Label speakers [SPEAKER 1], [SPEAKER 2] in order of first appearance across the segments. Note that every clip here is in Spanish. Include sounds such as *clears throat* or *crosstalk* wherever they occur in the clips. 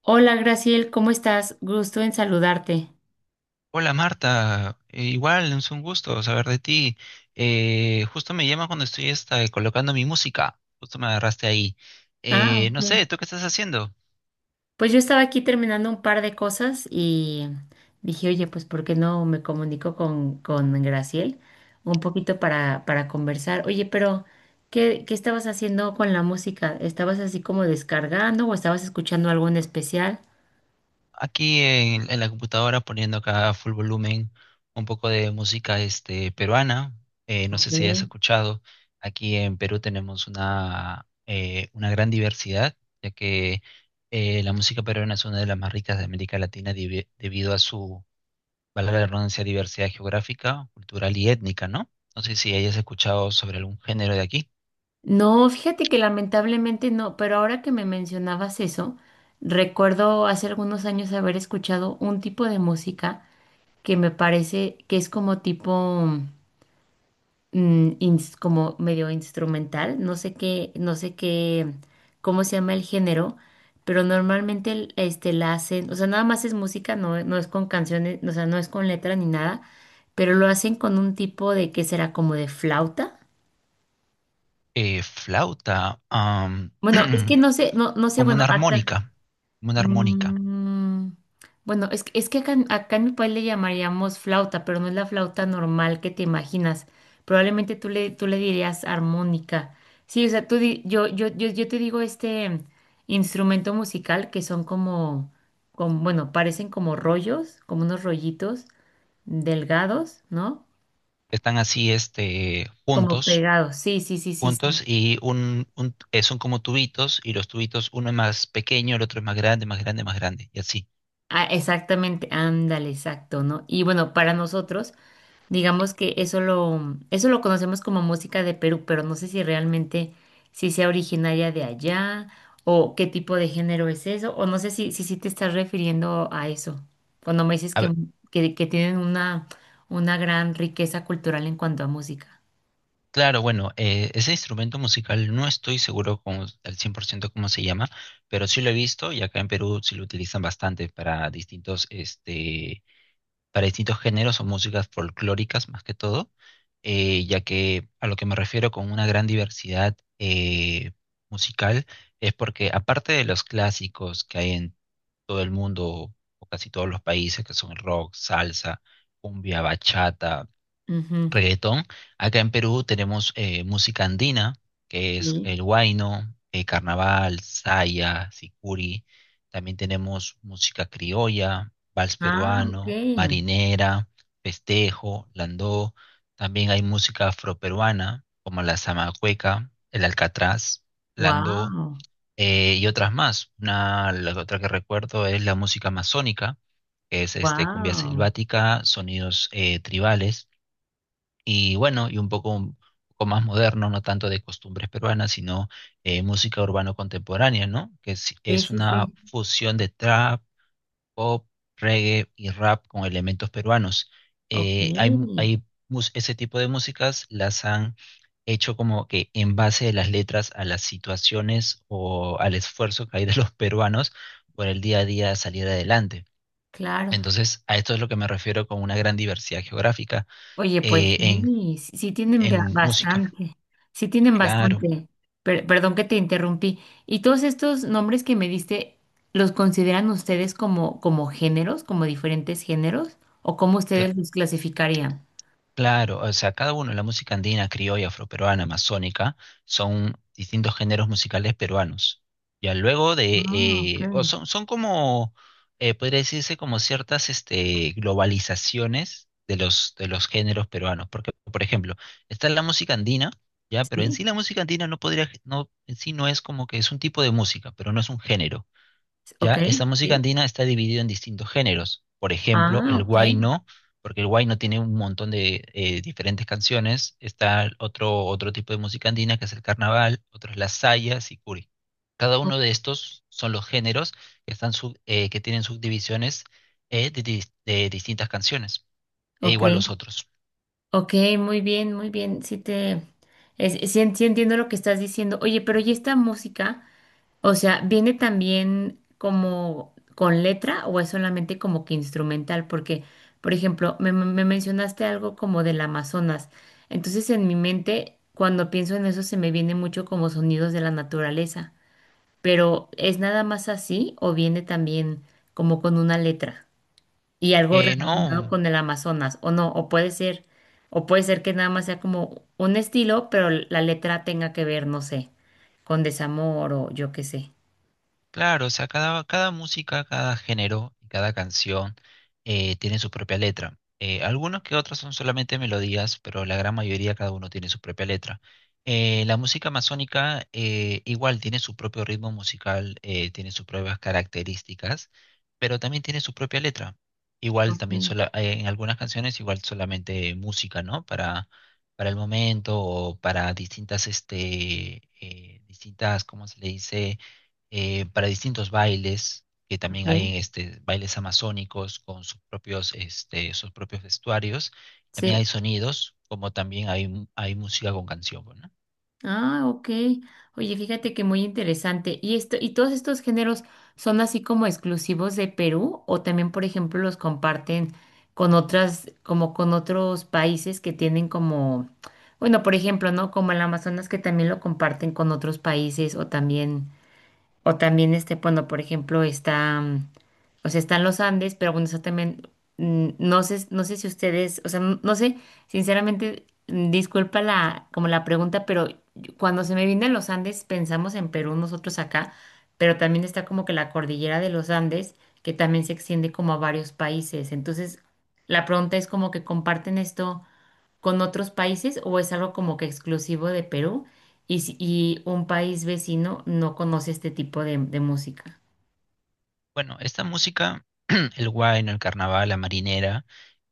[SPEAKER 1] Hola, Graciel, ¿cómo estás? Gusto en saludarte.
[SPEAKER 2] Hola Marta, igual es un gusto saber de ti. Justo me llama cuando estoy colocando mi música, justo me agarraste ahí.
[SPEAKER 1] Ah,
[SPEAKER 2] No
[SPEAKER 1] ok.
[SPEAKER 2] sé, ¿tú qué estás haciendo?
[SPEAKER 1] Pues yo estaba aquí terminando un par de cosas y dije, oye, pues ¿por qué no me comunico con Graciel un poquito para conversar? Oye, pero ¿qué estabas haciendo con la música? ¿Estabas así como descargando o estabas escuchando algo en especial?
[SPEAKER 2] Aquí en la computadora poniendo acá a full volumen un poco de música peruana. No
[SPEAKER 1] Ok.
[SPEAKER 2] sé si has escuchado, aquí en Perú tenemos una gran diversidad, ya que la música peruana es una de las más ricas de América Latina debido a su, valga la redundancia, diversidad geográfica, cultural y étnica, ¿no? No sé si hayas escuchado sobre algún género de aquí.
[SPEAKER 1] No, fíjate que lamentablemente no, pero ahora que me mencionabas eso, recuerdo hace algunos años haber escuchado un tipo de música que me parece que es como tipo, como medio instrumental, no sé qué, no sé qué, cómo se llama el género, pero normalmente la hacen, o sea, nada más es música, no es con canciones, o sea, no es con letra ni nada, pero lo hacen con un tipo de que será como de flauta.
[SPEAKER 2] Flauta,
[SPEAKER 1] Bueno, es que
[SPEAKER 2] *clears throat*
[SPEAKER 1] no sé, no sé,
[SPEAKER 2] como una
[SPEAKER 1] bueno, acá.
[SPEAKER 2] armónica, como una armónica.
[SPEAKER 1] Mm, bueno, es que acá en mi país le llamaríamos flauta, pero no es la flauta normal que te imaginas. Probablemente tú le dirías armónica. Sí, o sea, yo te digo este instrumento musical que son como, como, bueno, parecen como rollos, como unos rollitos delgados, ¿no?
[SPEAKER 2] Están así,
[SPEAKER 1] Como
[SPEAKER 2] juntos,
[SPEAKER 1] pegados. Sí, sí, sí, sí, sí.
[SPEAKER 2] juntos y son como tubitos y los tubitos, uno es más pequeño, el otro es más grande, más grande, más grande, y así.
[SPEAKER 1] Ah, exactamente, ándale, exacto, ¿no? Y bueno, para nosotros. Digamos que eso lo conocemos como música de Perú, pero no sé si realmente si sea originaria de allá o qué tipo de género es eso, o no sé si, si, sí te estás refiriendo a eso, cuando me dices que tienen una gran riqueza cultural en cuanto a música.
[SPEAKER 2] Claro, bueno, ese instrumento musical no estoy seguro como, al 100% cómo se llama, pero sí lo he visto y acá en Perú sí lo utilizan bastante para distintos, para distintos géneros o músicas folclóricas más que todo, ya que a lo que me refiero con una gran diversidad musical es porque aparte de los clásicos que hay en todo el mundo o casi todos los países, que son el rock, salsa, cumbia, bachata,
[SPEAKER 1] Ujú.
[SPEAKER 2] reggaetón. Acá en Perú tenemos música andina, que es
[SPEAKER 1] Sí.
[SPEAKER 2] el huayno, carnaval, saya, sicuri. También tenemos música criolla, vals
[SPEAKER 1] Ah, ok.
[SPEAKER 2] peruano, marinera, festejo, landó. También hay música afroperuana, como la zamacueca, el alcatraz, landó,
[SPEAKER 1] Wow,
[SPEAKER 2] y otras más. Una, la otra que recuerdo es la música amazónica, que es cumbia
[SPEAKER 1] wow.
[SPEAKER 2] selvática, sonidos tribales y bueno, y un poco más moderno, no tanto de costumbres peruanas, sino música urbano contemporánea, ¿no? Que es,
[SPEAKER 1] Sí,
[SPEAKER 2] es
[SPEAKER 1] sí,
[SPEAKER 2] una
[SPEAKER 1] sí.
[SPEAKER 2] fusión de trap, pop, reggae y rap con elementos peruanos.
[SPEAKER 1] Ok,
[SPEAKER 2] Hay, mu- hay mus- Ese tipo de músicas las han hecho como que en base de las letras a las situaciones o al esfuerzo que hay de los peruanos por el día a día salir adelante.
[SPEAKER 1] claro.
[SPEAKER 2] Entonces, a esto es lo que me refiero con una gran diversidad geográfica
[SPEAKER 1] Oye, pues
[SPEAKER 2] eh, en,
[SPEAKER 1] sí, sí tienen ba-
[SPEAKER 2] en música.
[SPEAKER 1] bastante, sí tienen
[SPEAKER 2] Claro,
[SPEAKER 1] bastante. Per- perdón que te interrumpí. ¿Y todos estos nombres que me diste, los consideran ustedes como, como géneros, como diferentes géneros? ¿O cómo
[SPEAKER 2] cla-
[SPEAKER 1] ustedes los clasificarían?
[SPEAKER 2] claro, o sea, cada uno, la música andina, criolla, afroperuana, amazónica, son distintos géneros musicales peruanos. Ya luego de,
[SPEAKER 1] Ah, ok.
[SPEAKER 2] o son, son como, podría decirse como ciertas, globalizaciones de los géneros peruanos, porque, por ejemplo, está la música andina, ya, pero en
[SPEAKER 1] Sí,
[SPEAKER 2] sí la música andina no podría, no, en sí no es como que es un tipo de música, pero no es un género. Ya,
[SPEAKER 1] ok,
[SPEAKER 2] esta música
[SPEAKER 1] sí.
[SPEAKER 2] andina está dividida en distintos géneros. Por ejemplo,
[SPEAKER 1] Ah,
[SPEAKER 2] el
[SPEAKER 1] ok.
[SPEAKER 2] huayno, porque el huayno tiene un montón de diferentes canciones. Está otro, otro tipo de música andina que es el carnaval, otro es la saya, sicuri. Cada
[SPEAKER 1] o-
[SPEAKER 2] uno de estos son los géneros que tienen subdivisiones de distintas canciones, e
[SPEAKER 1] Ok,
[SPEAKER 2] igual los otros.
[SPEAKER 1] ok, muy bien, muy bien. Sí te, es- sí en- sí entiendo lo que estás diciendo. Oye, pero ¿y esta música? O sea, ¿viene también como con letra o es solamente como que instrumental? Porque, por ejemplo, me mencionaste algo como del Amazonas. Entonces, en mi mente, cuando pienso en eso, se me viene mucho como sonidos de la naturaleza. Pero, ¿es nada más así o viene también como con una letra y algo
[SPEAKER 2] No.
[SPEAKER 1] relacionado con el Amazonas? O no, o puede ser que nada más sea como un estilo, pero la letra tenga que ver, no sé, con desamor o yo qué sé.
[SPEAKER 2] Claro, o sea, cada, cada música, cada género y cada canción tiene su propia letra. Algunos que otros son solamente melodías, pero la gran mayoría cada uno tiene su propia letra. La música amazónica igual tiene su propio ritmo musical, tiene sus propias características, pero también tiene su propia letra. Igual también
[SPEAKER 1] Ok,
[SPEAKER 2] sola- eh, en algunas canciones igual solamente música, ¿no? Para el momento o para distintas, distintas, ¿cómo se le dice? Para distintos bailes, que
[SPEAKER 1] ok,
[SPEAKER 2] también hay bailes amazónicos con sus propios, sus propios vestuarios. También
[SPEAKER 1] sí.
[SPEAKER 2] hay sonidos, como también hay música con canción, pues, ¿no?
[SPEAKER 1] Ah, ok. Oye, fíjate que muy interesante. ¿Y esto, y todos estos géneros son así como exclusivos de Perú o también, por ejemplo, los comparten con otras, como con otros países que tienen como, bueno, por ejemplo, ¿no? Como el Amazonas que también lo comparten con otros países o también. O también, este, bueno, por ejemplo, está, o sea, están los Andes, pero bueno, eso también, no sé, no sé si ustedes, o sea, n- no sé, sinceramente, disculpa la, como la pregunta, pero yo- cuando se me vienen los Andes, pensamos en Perú, nosotros acá, pero también está como que la cordillera de los Andes, que también se extiende como a varios países. Entonces, la pregunta es como que comparten esto con otros países o es algo como que exclusivo de Perú y, si- y un país vecino no conoce este tipo de música?
[SPEAKER 2] Bueno, esta música, *clears throat* el huayno, el carnaval, la marinera,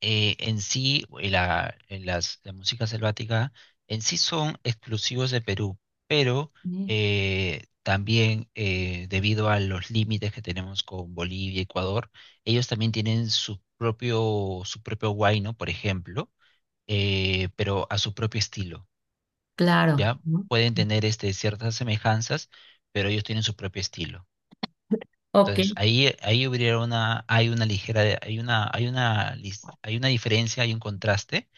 [SPEAKER 2] en sí, la música selvática, en sí son exclusivos de Perú, pero
[SPEAKER 1] Mm.
[SPEAKER 2] también debido a los límites que tenemos con Bolivia y Ecuador, ellos también tienen su propio huayno, por ejemplo, pero a su propio estilo,
[SPEAKER 1] Claro.
[SPEAKER 2] ¿ya?
[SPEAKER 1] ¿No?
[SPEAKER 2] Pueden tener ciertas semejanzas, pero ellos tienen su propio estilo.
[SPEAKER 1] Ok,
[SPEAKER 2] Entonces, ahí, ahí hubiera una, hay una ligera, hay una, lis- hay una diferencia, hay un contraste,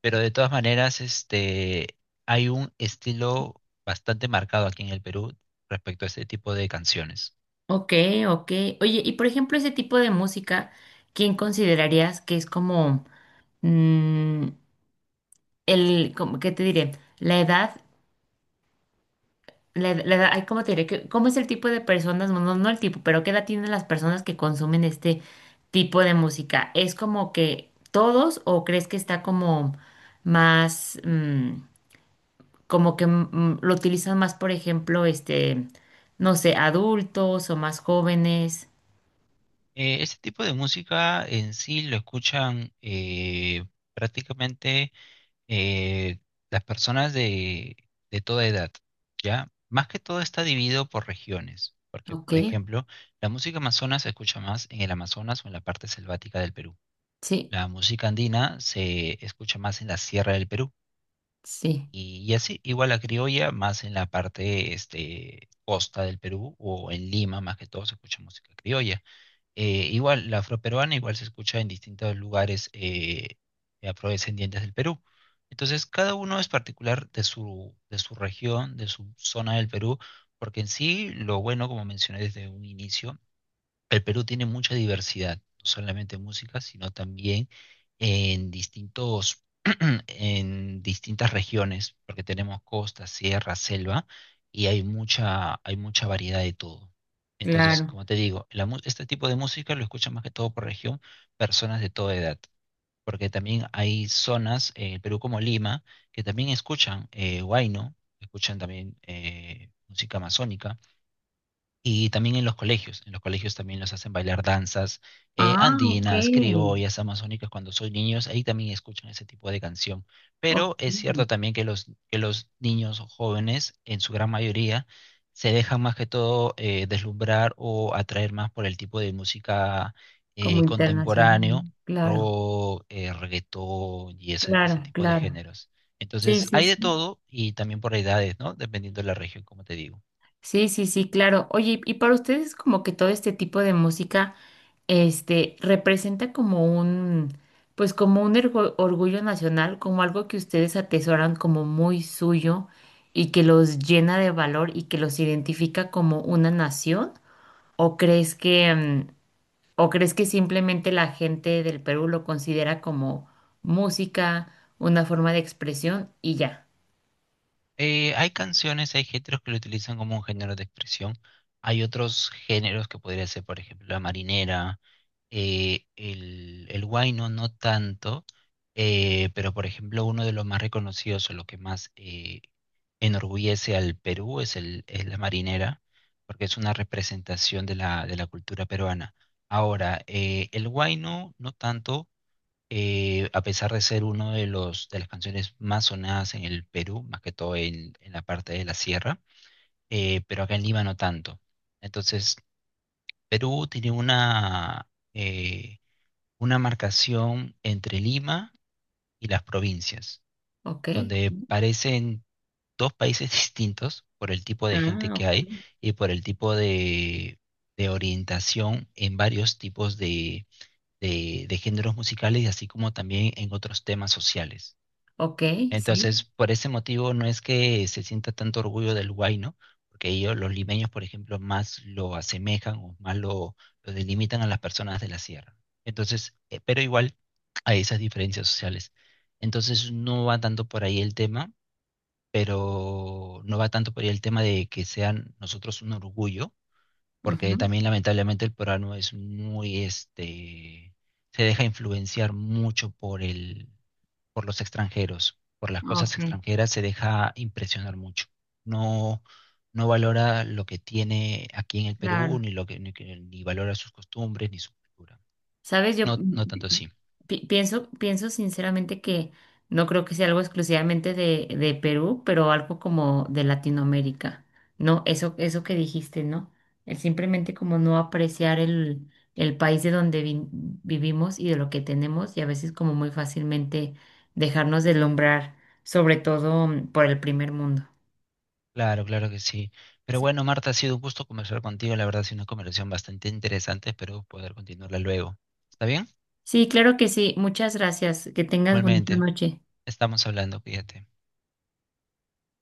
[SPEAKER 2] pero de todas maneras, hay un estilo bastante marcado aquí en el Perú respecto a este tipo de canciones.
[SPEAKER 1] ok, ok. Oye, y por ejemplo, ese tipo de música, ¿quién considerarías que es como mm, el, como, ¿qué te diré? La edad. La, ed- la ay, ¿cómo te diré? ¿Qué- ¿Cómo es el tipo de personas? No, no, no el tipo, pero ¿qué edad tienen las personas que consumen este tipo de música? ¿Es como que todos o crees que está como más, como que lo utilizan más, por ejemplo, este, no sé, adultos o más jóvenes?
[SPEAKER 2] Este tipo de música en sí lo escuchan prácticamente eh, las personas de toda edad, ¿ya? Más que todo está dividido por regiones, porque,
[SPEAKER 1] Ok,
[SPEAKER 2] por ejemplo, la música amazona se escucha más en el Amazonas o en la parte selvática del Perú.
[SPEAKER 1] sí,
[SPEAKER 2] La música andina se escucha más en la sierra del Perú.
[SPEAKER 1] sí.
[SPEAKER 2] Y así, igual la criolla más en la parte este, costa del Perú o en Lima, más que todo se escucha música criolla. Igual, la afroperuana igual se escucha en distintos lugares de afrodescendientes del Perú. Entonces, cada uno es particular de su región, de su zona del Perú, porque en sí, lo bueno, como mencioné desde un inicio, el Perú tiene mucha diversidad, no solamente en música, sino también en distintos, *clears throat* en distintas regiones, porque tenemos costa, sierra, selva, y hay mucha variedad de todo. Entonces,
[SPEAKER 1] Claro.
[SPEAKER 2] como te digo, este tipo de música lo escuchan más que todo por región personas de toda edad, porque también hay zonas en el Perú como Lima que también escuchan huayno, escuchan también música amazónica y también en los colegios también los hacen bailar danzas
[SPEAKER 1] Ah, ok.
[SPEAKER 2] andinas, criollas, amazónicas, cuando son niños, ahí también escuchan ese tipo de canción.
[SPEAKER 1] Ok,
[SPEAKER 2] Pero es cierto también que los niños o jóvenes, en su gran mayoría, se dejan más que todo deslumbrar o atraer más por el tipo de música
[SPEAKER 1] como
[SPEAKER 2] contemporáneo,
[SPEAKER 1] internacional. Claro,
[SPEAKER 2] rock, reggaetón y ese
[SPEAKER 1] claro,
[SPEAKER 2] tipo de
[SPEAKER 1] claro.
[SPEAKER 2] géneros.
[SPEAKER 1] Sí,
[SPEAKER 2] Entonces,
[SPEAKER 1] sí,
[SPEAKER 2] hay
[SPEAKER 1] sí.
[SPEAKER 2] de todo y también por edades, ¿no? Dependiendo de la región, como te digo.
[SPEAKER 1] Sí, sí, sí, claro. Oye, y para ustedes como que todo este tipo de música, este, representa como un, pues como un ergo- orgullo nacional, como algo que ustedes atesoran como muy suyo y que los llena de valor y que los identifica como una nación, ¿o crees que, o crees que simplemente la gente del Perú lo considera como música, una forma de expresión y ya?
[SPEAKER 2] Hay canciones, hay géneros que lo utilizan como un género de expresión. Hay otros géneros que podría ser, por ejemplo, la marinera, el huayno no tanto, pero por ejemplo uno de los más reconocidos o lo que más enorgullece al Perú es la marinera, porque es una representación de la cultura peruana. Ahora, el huayno no tanto, a pesar de ser uno de los de las canciones más sonadas en el Perú, más que todo en la parte de la sierra, pero acá en Lima no tanto. Entonces, Perú tiene eh, una marcación entre Lima y las provincias,
[SPEAKER 1] ¿Ok?
[SPEAKER 2] donde parecen dos países *laughs* distintos por el tipo de gente
[SPEAKER 1] Ah,
[SPEAKER 2] que hay
[SPEAKER 1] ok.
[SPEAKER 2] y por el tipo de orientación en varios tipos de, de géneros musicales, así como también en otros temas sociales.
[SPEAKER 1] ¿Ok? Sí.
[SPEAKER 2] Entonces, por ese motivo no es que se sienta tanto orgullo del huayno, porque ellos, los limeños, por ejemplo, más lo asemejan o más lo delimitan a las personas de la sierra. Entonces, pero igual hay esas diferencias sociales. Entonces, no va tanto por ahí el tema, pero no va tanto por ahí el tema de que sean nosotros un orgullo, porque también lamentablemente el peruano es muy, se deja influenciar mucho por los extranjeros, por las cosas
[SPEAKER 1] Ok,
[SPEAKER 2] extranjeras, se deja impresionar mucho. No, no valora lo que tiene aquí en el Perú,
[SPEAKER 1] claro.
[SPEAKER 2] ni lo que- ni valora sus costumbres, ni su cultura.
[SPEAKER 1] Sabes, yo
[SPEAKER 2] No, no tanto así.
[SPEAKER 1] pienso sinceramente que no creo que sea algo exclusivamente de Perú, pero algo como de Latinoamérica. No, eso que dijiste, ¿no? El simplemente como no apreciar el país de donde vi- vivimos y de lo que tenemos, y a veces como muy fácilmente dejarnos deslumbrar, sobre todo por el primer mundo.
[SPEAKER 2] Claro, claro que sí. Pero
[SPEAKER 1] Sí,
[SPEAKER 2] bueno, Marta, ha sido un gusto conversar contigo. La verdad, ha sido una conversación bastante interesante. Espero poder continuarla luego. ¿Está bien?
[SPEAKER 1] sí, claro que sí. Muchas gracias. Que tengas bonita
[SPEAKER 2] Igualmente,
[SPEAKER 1] noche.
[SPEAKER 2] estamos hablando, cuídate.